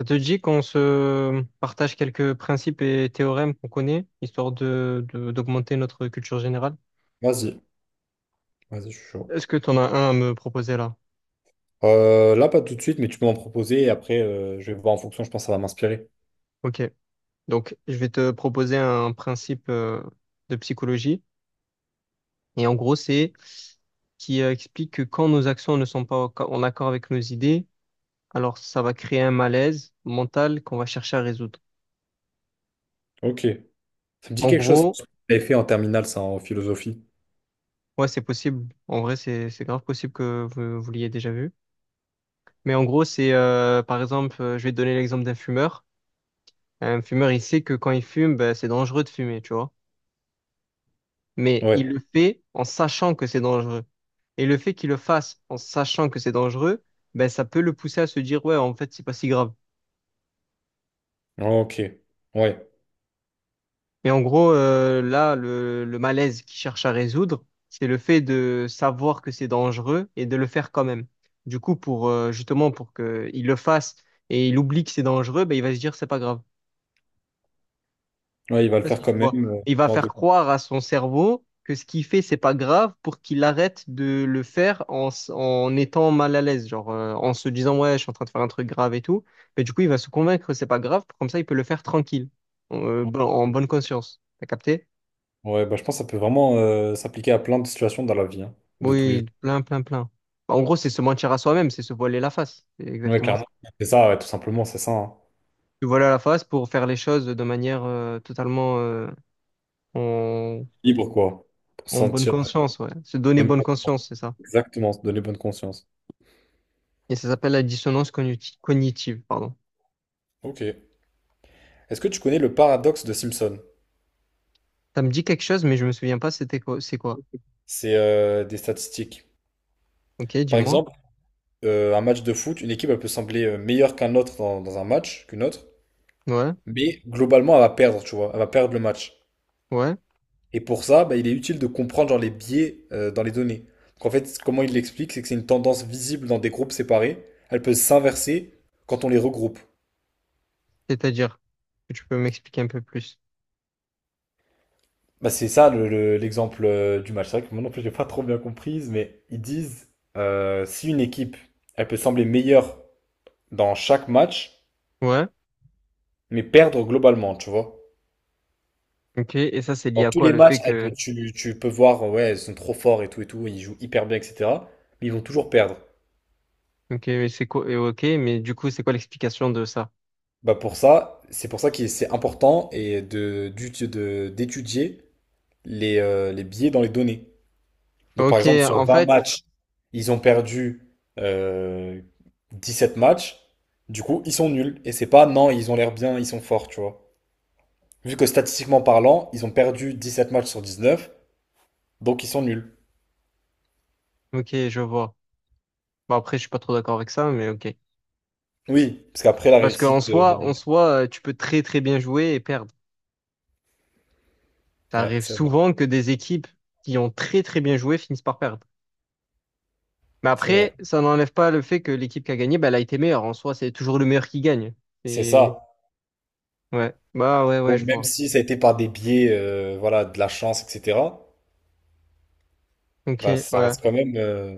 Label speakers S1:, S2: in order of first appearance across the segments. S1: Ça te dit qu'on se partage quelques principes et théorèmes qu'on connaît, histoire d'augmenter notre culture générale?
S2: Vas-y, vas-y, je suis chaud.
S1: Est-ce que tu en as un à me proposer là?
S2: Là, pas tout de suite, mais tu peux m'en proposer et après, je vais voir en fonction, je pense que ça va m'inspirer.
S1: Ok. Donc, je vais te proposer un principe de psychologie. Et en gros, c'est qui explique que quand nos actions ne sont pas en accord avec nos idées, alors ça va créer un malaise mental qu'on va chercher à résoudre.
S2: Ok. Ça me dit
S1: En
S2: quelque chose,
S1: gros,
S2: ce que tu avais fait en terminale, ça, en philosophie.
S1: ouais, c'est possible. En vrai, c'est grave possible que vous l'ayez déjà vu. Mais en gros, c'est par exemple, je vais te donner l'exemple d'un fumeur. Un fumeur, il sait que quand il fume, ben, c'est dangereux de fumer, tu vois. Mais
S2: Ouais.
S1: il le fait en sachant que c'est dangereux. Et le fait qu'il le fasse en sachant que c'est dangereux, ben, ça peut le pousser à se dire, ouais, en fait, c'est pas si grave.
S2: Ok. Ouais.
S1: Mais en gros, là, le malaise qu'il cherche à résoudre, c'est le fait de savoir que c'est dangereux et de le faire quand même. Du coup, pour justement pour qu'il le fasse et il oublie que c'est dangereux, ben, il va se dire, c'est pas grave.
S2: Ouais, il va
S1: Sais
S2: le
S1: pas
S2: faire
S1: si
S2: quand
S1: tu
S2: même.
S1: vois. Il va
S2: Mort
S1: faire
S2: de-
S1: croire à son cerveau que ce qu'il fait, c'est pas grave pour qu'il arrête de le faire en étant mal à l'aise, genre en se disant ouais, je suis en train de faire un truc grave et tout. Mais du coup, il va se convaincre que c'est pas grave, comme ça, il peut le faire tranquille, en bonne conscience. T'as capté?
S2: Ouais, bah, je pense que ça peut vraiment s'appliquer à plein de situations dans la vie, hein, de tous les jours.
S1: Oui, plein, plein, plein. Bah, en gros, c'est se mentir à soi-même, c'est se voiler la face. C'est
S2: Ouais,
S1: exactement ça.
S2: clairement. C'est ça, ouais, tout simplement, c'est ça, hein.
S1: Se voiler la face pour faire les choses de manière totalement en,
S2: Libre, quoi. Pour se
S1: en bonne
S2: sentir
S1: conscience, ouais. Se donner
S2: bonne
S1: bonne
S2: con-
S1: conscience, c'est ça.
S2: exactement, se donner bonne conscience.
S1: Et ça s'appelle la dissonance cognitive, pardon.
S2: Ok. Est-ce que tu connais le paradoxe de Simpson?
S1: Ça me dit quelque chose, mais je me souviens pas c'était quoi, c'est quoi.
S2: C'est des statistiques.
S1: Ok,
S2: Par
S1: dis-moi.
S2: exemple, un match de foot, une équipe, elle peut sembler meilleure qu'un autre dans un match, qu'une autre,
S1: Ouais,
S2: mais globalement, elle va perdre, tu vois, elle va perdre le match.
S1: ouais.
S2: Et pour ça, bah, il est utile de comprendre genre, les biais dans les données. Donc, en fait, comment il l'explique, c'est que c'est une tendance visible dans des groupes séparés, elle peut s'inverser quand on les regroupe.
S1: C'est-à-dire que tu peux m'expliquer un peu plus.
S2: Bah, c'est ça l'exemple du match. C'est vrai que moi non plus, j'ai pas trop bien comprise, mais ils disent si une équipe, elle peut sembler meilleure dans chaque match,
S1: Ouais,
S2: mais perdre globalement, tu vois.
S1: ok. Et ça, c'est lié
S2: Dans
S1: à
S2: tous
S1: quoi?
S2: les
S1: Le
S2: matchs,
S1: fait
S2: ah, que
S1: que…
S2: tu peux voir, ouais, ils sont trop forts et tout, ils jouent hyper bien, etc. Mais ils vont toujours perdre.
S1: Ok, mais c'est quoi? Et ok, mais du coup, c'est quoi l'explication de ça?
S2: Bah pour ça, c'est pour ça que c'est important et d'étudier les biais dans les données. Donc par
S1: Ok,
S2: exemple, sur
S1: en
S2: 20
S1: fait…
S2: matchs, ils ont perdu euh, 7 matchs, du coup, ils sont nuls. Et c'est pas, non, ils ont l'air bien, ils sont forts, tu vois. Vu que statistiquement parlant, ils ont perdu 17 matchs sur 19, donc ils sont nuls.
S1: Ok, je vois. Bon, après, je suis pas trop d'accord avec ça, mais ok.
S2: Oui, parce qu'après la
S1: Parce qu'en
S2: réussite.
S1: soi, en soi, tu peux très très bien jouer et perdre. Ça
S2: Ouais,
S1: arrive
S2: c'est vrai,
S1: souvent que des équipes qui ont très très bien joué finissent par perdre. Mais
S2: c'est vrai.
S1: après, ça n'enlève pas le fait que l'équipe qui a gagné, bah, elle a été meilleure. En soi, c'est toujours le meilleur qui gagne.
S2: C'est
S1: Et
S2: ça.
S1: ouais, bah ouais, ouais,
S2: Bon,
S1: je
S2: même
S1: vois.
S2: si ça a été par des biais, voilà, de la chance, etc.,
S1: Ok,
S2: bah, ça
S1: ouais,
S2: reste quand même.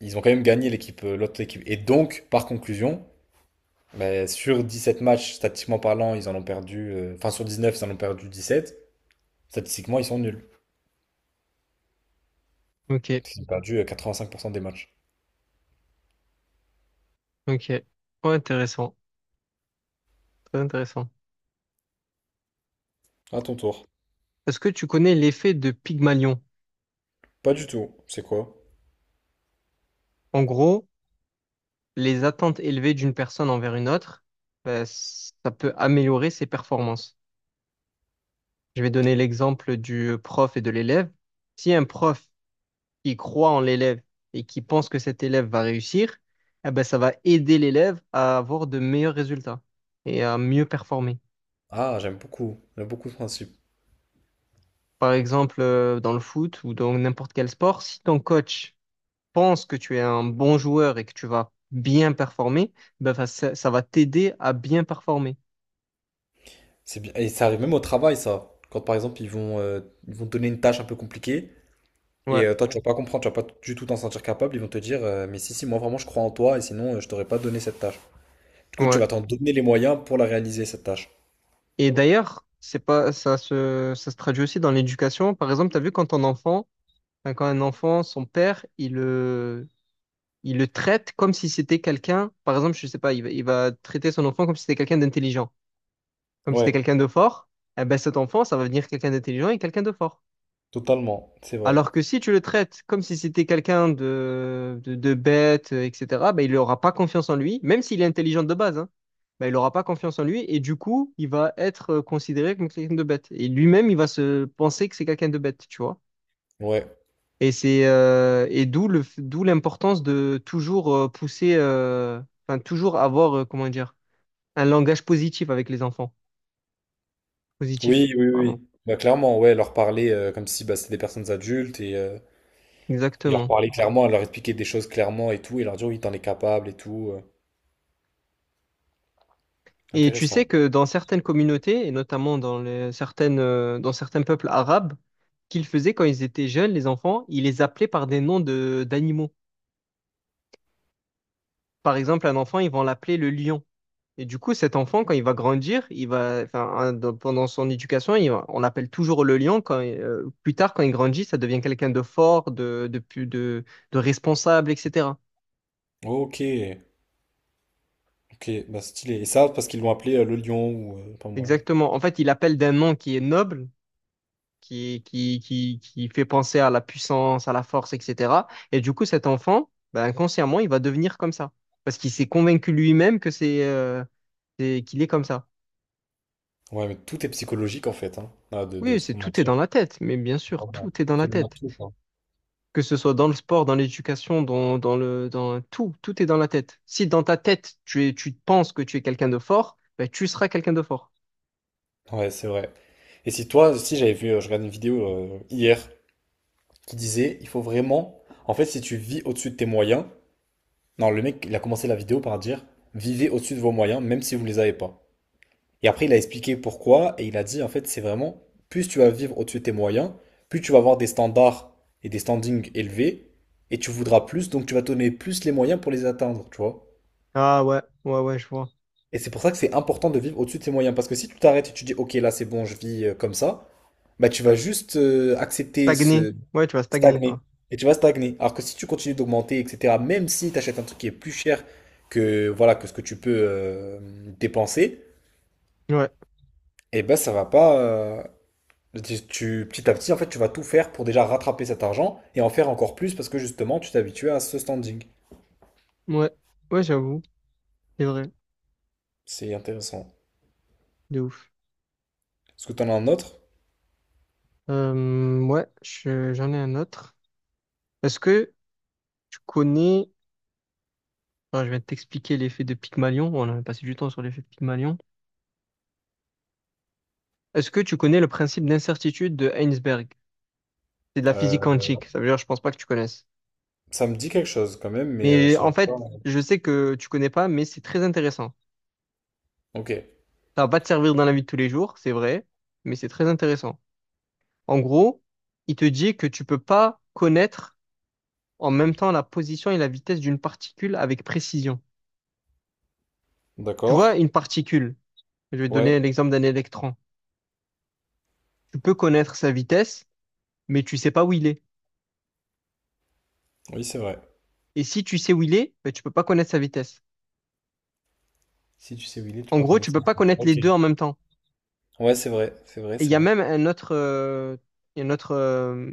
S2: Ils ont quand même gagné l'équipe, l'autre équipe. Et donc, par conclusion, bah, sur 7 matchs, statistiquement parlant, ils en ont perdu. Enfin, sur 19, ils en ont perdu 17. Statistiquement, ils sont nuls.
S1: ok,
S2: Ils ont perdu 85% des matchs.
S1: ok. Ouais, intéressant, très intéressant.
S2: À ton tour.
S1: Est-ce que tu connais l'effet de Pygmalion?
S2: Pas du tout. C'est quoi?
S1: En gros, les attentes élevées d'une personne envers une autre, bah, ça peut améliorer ses performances. Je vais donner l'exemple du prof et de l'élève. Si un prof, qui croit en l'élève et qui pense que cet élève va réussir, eh ben, ça va aider l'élève à avoir de meilleurs résultats et à mieux performer.
S2: Ah, j'aime beaucoup. J'aime beaucoup ce principe.
S1: Par exemple, dans le foot ou dans n'importe quel sport, si ton coach pense que tu es un bon joueur et que tu vas bien performer, ben, ça, ça va t'aider à bien performer.
S2: C'est bien. Et ça arrive même au travail, ça. Quand par exemple, ils vont te donner une tâche un peu compliquée. Et
S1: Ouais,
S2: toi, tu vas pas comprendre, tu vas pas du tout t'en sentir capable. Ils vont te dire, mais si, si, moi vraiment je crois en toi et sinon je t'aurais pas donné cette tâche. Du coup, tu
S1: ouais.
S2: vas t'en donner les moyens pour la réaliser, cette tâche.
S1: Et d'ailleurs, c'est pas, ça se traduit aussi dans l'éducation. Par exemple, tu as vu quand quand un enfant, son père, il le traite comme si c'était quelqu'un, par exemple, je sais pas, il va traiter son enfant comme si c'était quelqu'un d'intelligent, comme si c'était
S2: Ouais,
S1: quelqu'un de fort, eh ben cet enfant, ça va devenir quelqu'un d'intelligent et quelqu'un de fort.
S2: totalement, c'est vrai.
S1: Alors que si tu le traites comme si c'était quelqu'un de bête, etc., ben il n'aura pas confiance en lui, même s'il est intelligent de base, hein, ben il n'aura pas confiance en lui et du coup, il va être considéré comme quelqu'un de bête. Et lui-même, il va se penser que c'est quelqu'un de bête, tu vois.
S2: Ouais.
S1: Et c'est d'où l'importance de toujours pousser, enfin toujours avoir comment dire un langage positif avec les enfants. Positif,
S2: Oui, oui,
S1: pardon.
S2: oui. Bah, clairement, ouais, leur parler comme si bah, c'était des personnes adultes et leur
S1: Exactement.
S2: parler clairement, leur expliquer des choses clairement et tout, et leur dire, oui, t'en es capable et tout.
S1: Et tu sais
S2: Intéressant.
S1: que dans certaines communautés et notamment dans certaines dans certains peuples arabes, qu'ils faisaient quand ils étaient jeunes, les enfants, ils les appelaient par des noms de d'animaux. Par exemple, un enfant, ils vont l'appeler le lion. Et du coup, cet enfant, quand il va grandir, il va, enfin, hein, dans- pendant son éducation, on l'appelle toujours le lion. Quand, plus tard, quand il grandit, ça devient quelqu'un de fort, de responsable, etc.
S2: Ok, ok, bah stylé. Et ça, parce qu'ils l'ont appelé le lion ou pas moi.
S1: Exactement. En fait, il appelle d'un nom qui est noble, qui fait penser à la puissance, à la force, etc. Et du coup, cet enfant, ben, inconsciemment, il va devenir comme ça. Parce qu'il s'est convaincu lui-même que qu'il est comme ça.
S2: Ouais, mais tout est psychologique en fait, hein. Ah, de
S1: Oui, c'est
S2: se
S1: tout est dans
S2: mentir.
S1: la tête, mais bien sûr, tout est dans la
S2: Absolument
S1: tête.
S2: tout, quoi.
S1: Que ce soit dans le sport, dans l'éducation, dans tout, tout est dans la tête. Si dans ta tête, tu penses que tu es quelqu'un de fort, ben, tu seras quelqu'un de fort.
S2: Ouais, c'est vrai. Et si toi, si j'avais vu, je regardais une vidéo hier qui disait, il faut vraiment, en fait, si tu vis au-dessus de tes moyens, non, le mec, il a commencé la vidéo par dire, vivez au-dessus de vos moyens, même si vous les avez pas. Et après, il a expliqué pourquoi, et il a dit, en fait, c'est vraiment, plus tu vas vivre au-dessus de tes moyens, plus tu vas avoir des standards et des standings élevés, et tu voudras plus, donc tu vas te donner plus les moyens pour les atteindre, tu vois.
S1: Ah ouais, ouais, ouais, je vois.
S2: Et c'est pour ça que c'est important de vivre au-dessus de ses moyens. Parce que si tu t'arrêtes et tu dis, OK, là, c'est bon, je vis comme ça, bah, tu vas juste accepter
S1: Stagner.
S2: ce
S1: Ouais, tu vas stagner,
S2: stagner.
S1: quoi.
S2: Et tu vas stagner. Alors que si tu continues d'augmenter, etc., même si tu achètes un truc qui est plus cher que, voilà, que ce que tu peux dépenser,
S1: Ouais,
S2: eh ben, ça va pas. Petit à petit, en fait, tu vas tout faire pour déjà rattraper cet argent et en faire encore plus parce que justement, tu t'habitues à ce standing.
S1: ouais, ouais, j'avoue. C'est vrai,
S2: C'est intéressant.
S1: de ouf.
S2: Est-ce que tu en as un autre?
S1: Ouais, j'en ai un autre. Est-ce que tu connais… Alors, je vais t'expliquer l'effet de Pygmalion. On a passé du temps sur l'effet de Pygmalion. Est-ce que tu connais le principe d'incertitude de Heinsberg? C'est de la physique
S2: Euh,
S1: quantique. Ça veut dire, je pense pas que tu connaisses.
S2: ça me dit quelque chose quand même, mais je
S1: Mais en
S2: saurais pas.
S1: fait, je sais que tu connais pas, mais c'est très intéressant.
S2: Ok.
S1: Ça va pas te servir dans la vie de tous les jours, c'est vrai, mais c'est très intéressant. En gros, il te dit que tu peux pas connaître en même temps la position et la vitesse d'une particule avec précision. Tu
S2: D'accord.
S1: vois, une particule, je vais te
S2: Ouais,
S1: donner l'exemple d'un électron. Tu peux connaître sa vitesse, mais tu sais pas où il est.
S2: oui, c'est vrai.
S1: Et si tu sais où il est, ben, tu peux pas connaître sa vitesse.
S2: Si tu sais où il est, tu
S1: En
S2: peux pas
S1: gros,
S2: connaître
S1: tu peux
S2: ça.
S1: pas connaître les
S2: Ok.
S1: deux en même temps.
S2: Ouais, c'est vrai, c'est vrai,
S1: Et il y
S2: c'est
S1: a
S2: vrai.
S1: même un autre, il y a un autre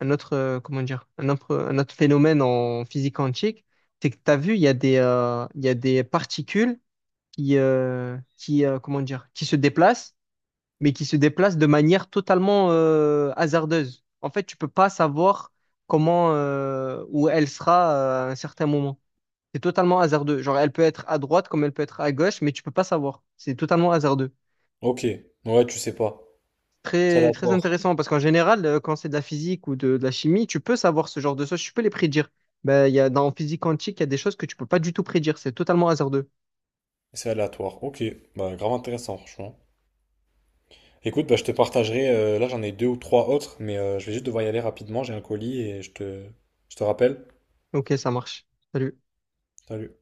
S1: un autre phénomène en physique quantique, c'est que tu as vu, il y a il y a des particules qui se déplacent, mais qui se déplacent de manière totalement hasardeuse. En fait, tu peux pas savoir où elle sera à un certain moment. C'est totalement hasardeux. Genre, elle peut être à droite comme elle peut être à gauche, mais tu peux pas savoir. C'est totalement hasardeux.
S2: Ok. Ouais, tu sais pas. C'est
S1: Très, très
S2: aléatoire.
S1: intéressant parce qu'en général, quand c'est de la physique ou de la chimie, tu peux savoir ce genre de choses, tu peux les prédire. Ben, il y a, dans physique quantique, il y a des choses que tu peux pas du tout prédire, c'est totalement hasardeux.
S2: C'est aléatoire. Ok. Bah, grave intéressant, franchement. Écoute, bah, je te partagerai. Là, j'en ai deux ou trois autres, mais je vais juste devoir y aller rapidement. J'ai un colis et je te rappelle.
S1: Ok, ça marche. Salut.
S2: Salut.